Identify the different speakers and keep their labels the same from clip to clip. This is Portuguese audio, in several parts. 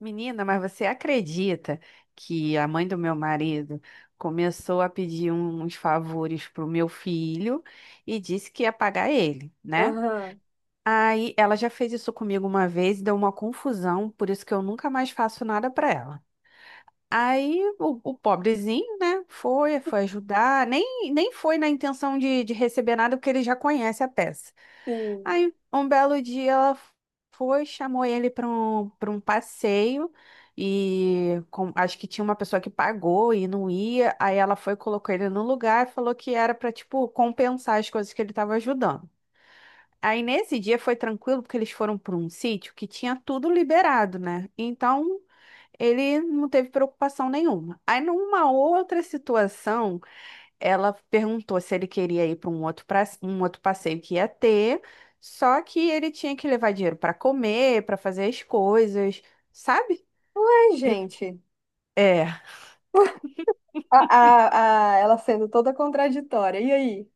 Speaker 1: Menina, mas você acredita que a mãe do meu marido começou a pedir uns favores pro meu filho e disse que ia pagar ele, né?
Speaker 2: Aham,
Speaker 1: Aí ela já fez isso comigo uma vez e deu uma confusão, por isso que eu nunca mais faço nada pra ela. Aí o pobrezinho, né, foi ajudar, nem foi na intenção de receber nada, porque ele já conhece a peça.
Speaker 2: sim.
Speaker 1: Aí, um belo dia, ela foi, chamou ele para um passeio e acho que tinha uma pessoa que pagou e não ia. Aí ela foi, colocou ele no lugar e falou que era para, tipo, compensar as coisas que ele estava ajudando. Aí, nesse dia, foi tranquilo, porque eles foram para um sítio que tinha tudo liberado, né? Então, ele não teve preocupação nenhuma. Aí, numa outra situação, ela perguntou se ele queria ir para um outro passeio que ia ter, só que ele tinha que levar dinheiro para comer, para fazer as coisas, sabe?
Speaker 2: Ué,
Speaker 1: Eu-
Speaker 2: gente,
Speaker 1: É.
Speaker 2: ela sendo toda contraditória. E aí?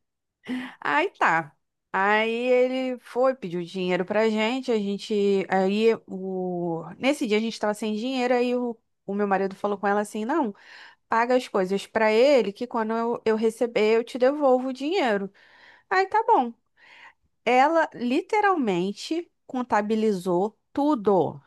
Speaker 1: Aí tá. Aí ele foi, pediu dinheiro pra gente, aí o nesse dia a gente tava sem dinheiro, aí o meu marido falou com ela assim: não, paga as coisas para ele, que quando eu receber, eu te devolvo o dinheiro. Aí tá bom. Ela literalmente contabilizou tudo.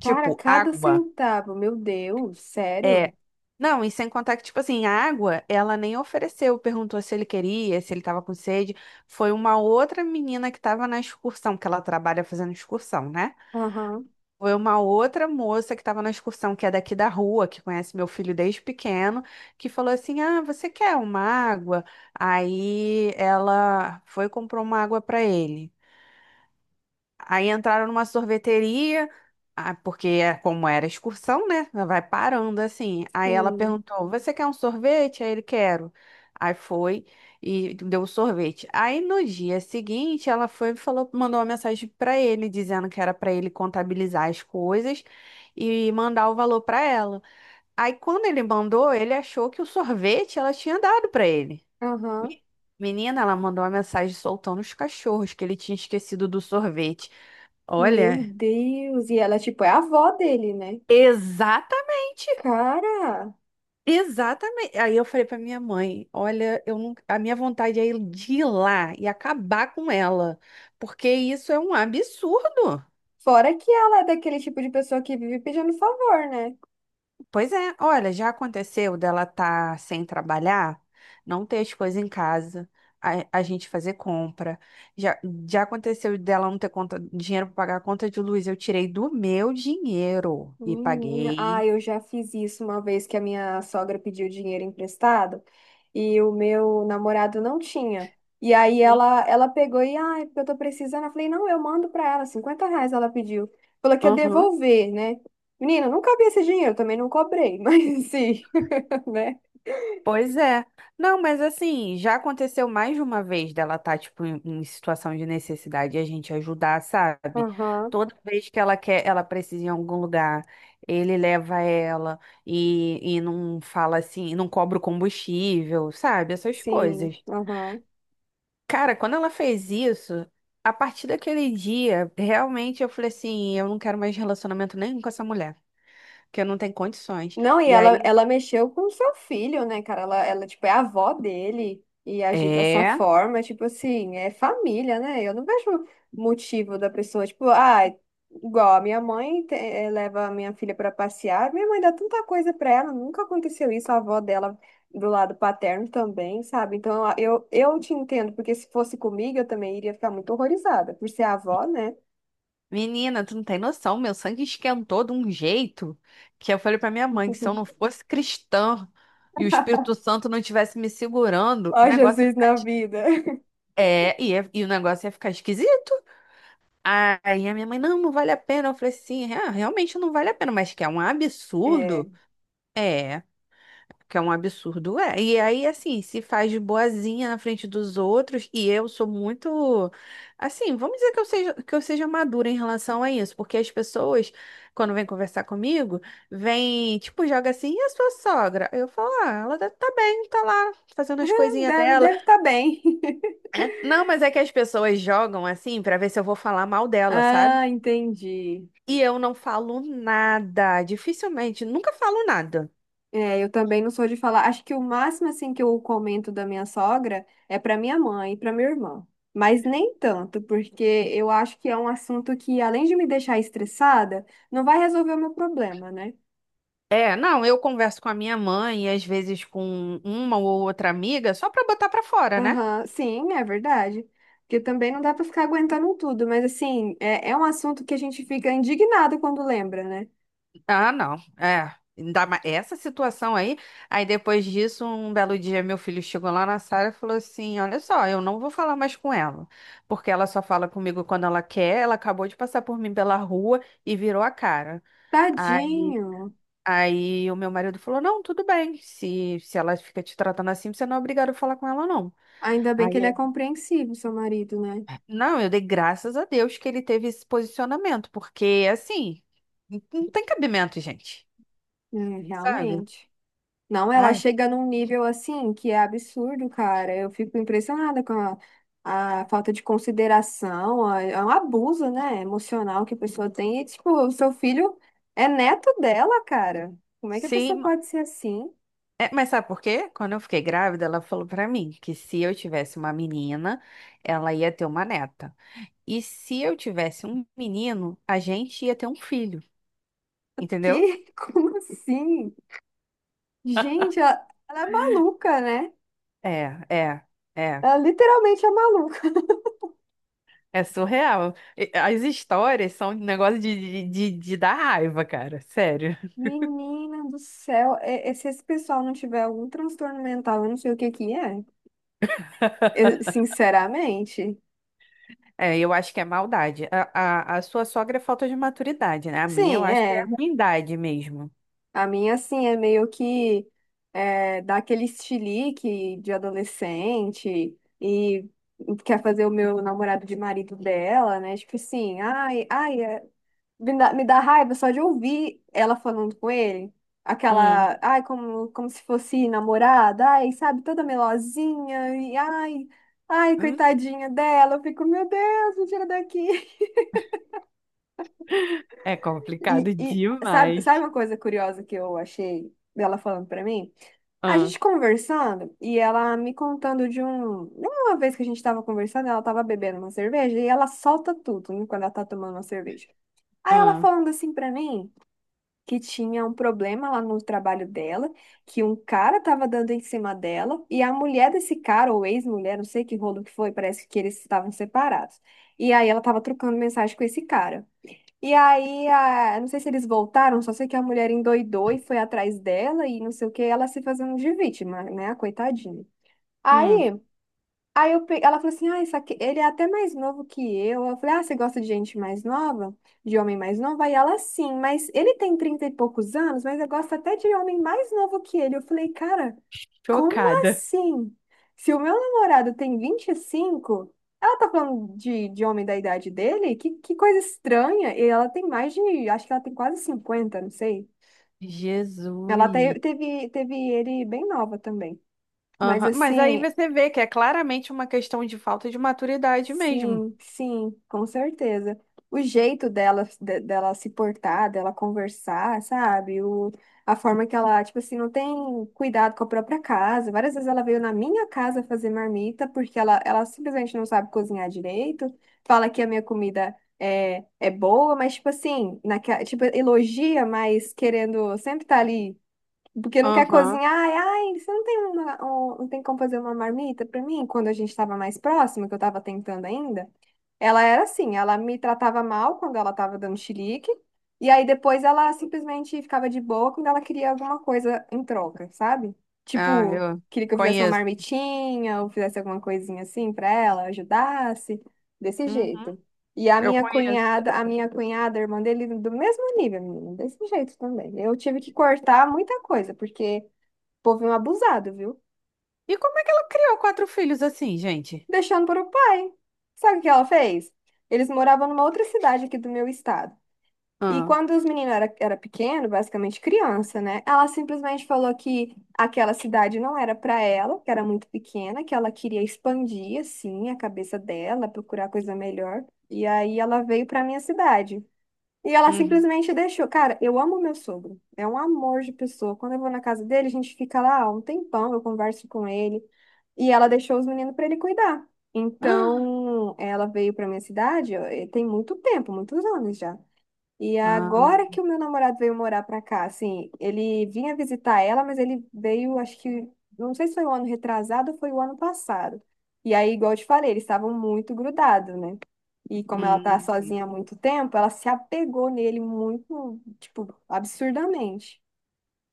Speaker 2: Cara, cada
Speaker 1: água.
Speaker 2: centavo, meu Deus, sério?
Speaker 1: É. Não, e sem contar que, tipo assim, a água, ela nem ofereceu, perguntou se ele queria, se ele tava com sede. Foi uma outra menina que tava na excursão, que ela trabalha fazendo excursão, né?
Speaker 2: Aham,
Speaker 1: Foi uma outra moça que tava na excursão, que é daqui da rua, que conhece meu filho desde pequeno, que falou assim: ah, você quer uma água? Aí ela foi e comprou uma água pra ele. Aí entraram numa sorveteria, ah, porque é como era excursão, né? Vai parando assim. Aí ela
Speaker 2: sim.
Speaker 1: perguntou: você quer um sorvete? Aí ele quero. Aí foi e deu o sorvete. Aí no dia seguinte ela foi e falou, mandou uma mensagem para ele dizendo que era para ele contabilizar as coisas e mandar o valor para ela. Aí quando ele mandou, ele achou que o sorvete ela tinha dado para ele.
Speaker 2: Aham,
Speaker 1: Me- Menina, ela mandou uma mensagem soltando os cachorros que ele tinha esquecido do sorvete.
Speaker 2: meu
Speaker 1: Olha,
Speaker 2: Deus. E ela, tipo, é a avó dele, né?
Speaker 1: exatamente,
Speaker 2: Cara,
Speaker 1: exatamente. Aí eu falei pra minha mãe, olha, eu não, a minha vontade é ir de ir lá e acabar com ela, porque isso é um absurdo.
Speaker 2: fora que ela é daquele tipo de pessoa que vive pedindo favor, né?
Speaker 1: Pois é, olha, já aconteceu dela estar sem trabalhar, não ter as coisas em casa, a gente fazer compra. Já, já aconteceu dela não ter conta, dinheiro para pagar a conta de luz. Eu tirei do meu dinheiro e
Speaker 2: Menina,
Speaker 1: paguei.
Speaker 2: eu já fiz isso uma vez que a minha sogra pediu dinheiro emprestado e o meu namorado não tinha. E aí
Speaker 1: Hum.
Speaker 2: ela pegou e, ah, é porque eu tô precisando. Eu falei, não, eu mando pra ela, R$ 50 ela pediu. Falou que ia
Speaker 1: Aham.
Speaker 2: devolver, né? Menina, não cabia esse dinheiro, eu também não cobrei, mas sim, né?
Speaker 1: Pois é. Não, mas assim, já aconteceu mais de uma vez dela estar, tipo, em situação de necessidade e a gente ajudar, sabe?
Speaker 2: Aham,
Speaker 1: Toda vez que ela quer, ela precisa ir em algum lugar, ele leva ela e não fala assim, não cobra o combustível, sabe? Essas
Speaker 2: sim,
Speaker 1: coisas.
Speaker 2: aham.
Speaker 1: Cara, quando ela fez isso, a partir daquele dia, realmente eu falei assim, eu não quero mais relacionamento nenhum com essa mulher, porque eu não tenho condições.
Speaker 2: Não, e
Speaker 1: E
Speaker 2: ela,
Speaker 1: aí,
Speaker 2: ela mexeu com o seu filho, né, cara? Ela, tipo, é a avó dele e agir dessa
Speaker 1: é.
Speaker 2: forma, tipo assim, é família, né? Eu não vejo motivo da pessoa, tipo, ah, igual a minha mãe leva a minha filha pra passear, minha mãe dá tanta coisa pra ela, nunca aconteceu isso, a avó dela do lado paterno também, sabe? Então, eu te entendo, porque se fosse comigo, eu também iria ficar muito horrorizada, por ser a avó, né?
Speaker 1: Menina, tu não tem noção, meu sangue esquentou de um jeito que eu falei pra minha mãe que se eu não fosse cristã e o Espírito Santo não estivesse me segurando, o
Speaker 2: Ó,
Speaker 1: negócio
Speaker 2: Jesus na vida.
Speaker 1: é, ia, e o negócio ia ficar esquisito. Aí a minha mãe, não, não vale a pena. Eu falei assim: "É, realmente não vale a pena, mas que é um
Speaker 2: É,
Speaker 1: absurdo". É. Que é um absurdo, é. E aí, assim, se faz de boazinha na frente dos outros, e eu sou muito, assim, vamos dizer que eu seja madura em relação a isso, porque as pessoas, quando vêm conversar comigo, vêm, tipo, joga assim, e a sua sogra? Eu falo, ah, ela deve tá bem, tá lá, fazendo as coisinhas dela.
Speaker 2: deve estar bem.
Speaker 1: É. Não, mas é que as pessoas jogam assim pra ver se eu vou falar mal dela, sabe?
Speaker 2: Ah, entendi.
Speaker 1: E eu não falo nada, dificilmente, nunca falo nada.
Speaker 2: É, eu também não sou de falar. Acho que o máximo assim que eu comento da minha sogra é para minha mãe e para minha irmã. Mas nem tanto, porque eu acho que é um assunto que, além de me deixar estressada, não vai resolver o meu problema, né?
Speaker 1: É, não, eu converso com a minha mãe e às vezes com uma ou outra amiga só pra botar pra fora, né?
Speaker 2: Aham, sim, é verdade. Porque também não dá para ficar aguentando tudo, mas assim, é um assunto que a gente fica indignado quando lembra, né?
Speaker 1: Ah, não. É, ainda mais essa situação aí. Aí depois disso, um belo dia meu filho chegou lá na sala e falou assim: "Olha só, eu não vou falar mais com ela, porque ela só fala comigo quando ela quer. Ela acabou de passar por mim pela rua e virou a cara". Aí
Speaker 2: Tadinho.
Speaker 1: Aí o meu marido falou: não, tudo bem. Se ela fica te tratando assim, você não é obrigado a falar com ela, não.
Speaker 2: Ainda bem
Speaker 1: Aí
Speaker 2: que ele é compreensivo, seu marido, né?
Speaker 1: não, eu dei graças a Deus que ele teve esse posicionamento, porque assim, não tem cabimento, gente,
Speaker 2: É,
Speaker 1: sabe?
Speaker 2: realmente. Não, ela
Speaker 1: Ai,
Speaker 2: chega num nível assim que é absurdo, cara. Eu fico impressionada com a falta de consideração, a- é um abuso, né, emocional que a pessoa tem. E, tipo, o seu filho é neto dela, cara. Como é que a
Speaker 1: sim,
Speaker 2: pessoa pode ser assim?
Speaker 1: é, mas sabe por quê? Quando eu fiquei grávida, ela falou pra mim que se eu tivesse uma menina, ela ia ter uma neta. E se eu tivesse um menino, a gente ia ter um filho, entendeu?
Speaker 2: Que? Como assim? Gente, ela é maluca, né?
Speaker 1: É, é, é.
Speaker 2: Ela literalmente é maluca.
Speaker 1: É surreal. E- As histórias são um negócio de dar raiva, cara, sério.
Speaker 2: Menina do céu, e se esse pessoal não tiver algum transtorno mental, eu não sei o que que é. Eu, sinceramente.
Speaker 1: É, eu acho que é maldade. A sua sogra é falta de maturidade, né? A minha eu
Speaker 2: Sim,
Speaker 1: acho que é
Speaker 2: é.
Speaker 1: ruindade mesmo.
Speaker 2: A minha, assim, é meio que é, dá aquele estilique de adolescente e quer fazer o meu namorado de marido dela, né? Tipo assim, ai, ai, é- me dá raiva só de ouvir ela falando com ele.
Speaker 1: Hum,
Speaker 2: Aquela, ai, como se fosse namorada, ai, sabe, toda melosinha, e ai, ai,
Speaker 1: hum.
Speaker 2: coitadinha dela. Eu fico, meu Deus, me tira daqui.
Speaker 1: É complicado
Speaker 2: E sabe, sabe
Speaker 1: demais.
Speaker 2: uma coisa curiosa que eu achei dela falando pra mim? A
Speaker 1: Ah,
Speaker 2: gente conversando e ela me contando de um. Uma vez que a gente tava conversando, ela tava bebendo uma cerveja e ela solta tudo, né, quando ela tá tomando uma cerveja. Aí ela
Speaker 1: ah,
Speaker 2: falando assim pra mim que tinha um problema lá no trabalho dela, que um cara tava dando em cima dela e a mulher desse cara, ou ex-mulher, não sei que rolo que foi, parece que eles estavam separados. E aí ela tava trocando mensagem com esse cara. E aí, a... não sei se eles voltaram, só sei que a mulher endoidou e foi atrás dela e não sei o que, ela se fazendo de vítima, né, a coitadinha.
Speaker 1: hum.
Speaker 2: Aí, aí eu pe... ela falou assim: ah, isso aqui... ele é até mais novo que eu. Eu falei: ah, você gosta de gente mais nova? De homem mais novo? Aí ela, sim, mas ele tem 30 e poucos anos, mas eu gosto até de homem mais novo que ele. Eu falei: cara. Como
Speaker 1: Chocada.
Speaker 2: assim? Se o meu namorado tem 25, ela tá falando de homem da idade dele? Que coisa estranha. E ela tem mais de, acho que ela tem quase 50, não sei. Ela
Speaker 1: Jesus.
Speaker 2: teve, teve ele bem nova também. Mas
Speaker 1: Aham. Mas aí
Speaker 2: assim,
Speaker 1: você vê que é claramente uma questão de falta de maturidade mesmo.
Speaker 2: sim, sim, com certeza. O jeito dela, de- dela se portar, dela conversar, sabe? O, a forma que ela, tipo assim, não tem cuidado com a própria casa. Várias vezes ela veio na minha casa fazer marmita porque ela simplesmente não sabe cozinhar direito. Fala que a minha comida é boa, mas, tipo assim, naquela, tipo, elogia, mas querendo sempre estar ali. Porque não quer
Speaker 1: Aham.
Speaker 2: cozinhar. Ai, ai, você não tem uma, um- não tem como fazer uma marmita pra mim? Quando a gente estava mais próximo, que eu estava tentando ainda, ela era assim, ela me tratava mal quando ela estava dando chilique, e aí depois ela simplesmente ficava de boa quando ela queria alguma coisa em troca, sabe?
Speaker 1: Ah,
Speaker 2: Tipo,
Speaker 1: eu
Speaker 2: queria que eu fizesse uma
Speaker 1: conheço.
Speaker 2: marmitinha, ou fizesse alguma coisinha assim pra ela, ajudasse, desse
Speaker 1: Uhum.
Speaker 2: jeito. E
Speaker 1: Eu conheço.
Speaker 2: a minha cunhada, a irmã dele, do mesmo nível, menina, desse jeito também. Eu tive que cortar muita coisa, porque o povo é um abusado, viu?
Speaker 1: E como é que ela criou quatro filhos assim, gente?
Speaker 2: Deixando para o pai. Sabe o que ela fez? Eles moravam numa outra cidade aqui do meu estado. E
Speaker 1: Ah,
Speaker 2: quando os meninos era pequeno, basicamente criança, né? Ela simplesmente falou que aquela cidade não era para ela, que era muito pequena, que ela queria expandir, assim, a cabeça dela, procurar coisa melhor. E aí ela veio para minha cidade. E ela
Speaker 1: uhum.
Speaker 2: simplesmente deixou. Cara, eu amo meu sogro. É um amor de pessoa. Quando eu vou na casa dele, a gente fica lá um tempão, eu converso com ele. E ela deixou os meninos para ele cuidar.
Speaker 1: Ah,
Speaker 2: Então, ela veio para minha cidade, ó, e tem muito tempo, muitos anos já. E
Speaker 1: ah,
Speaker 2: agora que o meu namorado veio morar pra cá, assim, ele vinha visitar ela, mas ele veio, acho que, não sei se foi o ano retrasado ou foi o ano passado. E aí, igual eu te falei, eles estavam muito grudados, né? E como ela tá
Speaker 1: hum.
Speaker 2: sozinha há muito tempo, ela se apegou nele muito, tipo, absurdamente.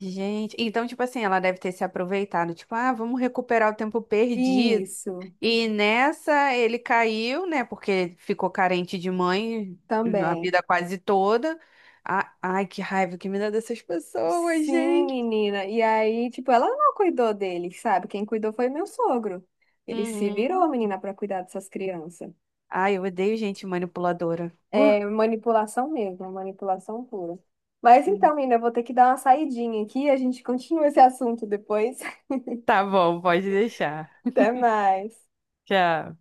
Speaker 1: Gente, então, tipo assim, ela deve ter se aproveitado, tipo, ah, vamos recuperar o tempo perdido.
Speaker 2: Isso,
Speaker 1: E nessa ele caiu, né? Porque ficou carente de mãe a
Speaker 2: também.
Speaker 1: vida quase toda. Ah, ai, que raiva que me dá dessas pessoas,
Speaker 2: Sim,
Speaker 1: gente.
Speaker 2: menina. E aí, tipo, ela não cuidou dele, sabe? Quem cuidou foi meu sogro. Ele se
Speaker 1: Uhum.
Speaker 2: virou, menina, pra cuidar dessas crianças.
Speaker 1: Ai, eu odeio gente manipuladora.
Speaker 2: É manipulação mesmo, manipulação pura. Mas
Speaker 1: Uh.
Speaker 2: então, Ina, eu vou ter que dar uma saidinha aqui, a gente continua esse assunto depois.
Speaker 1: Tá bom, pode deixar.
Speaker 2: Até mais.
Speaker 1: Tchau.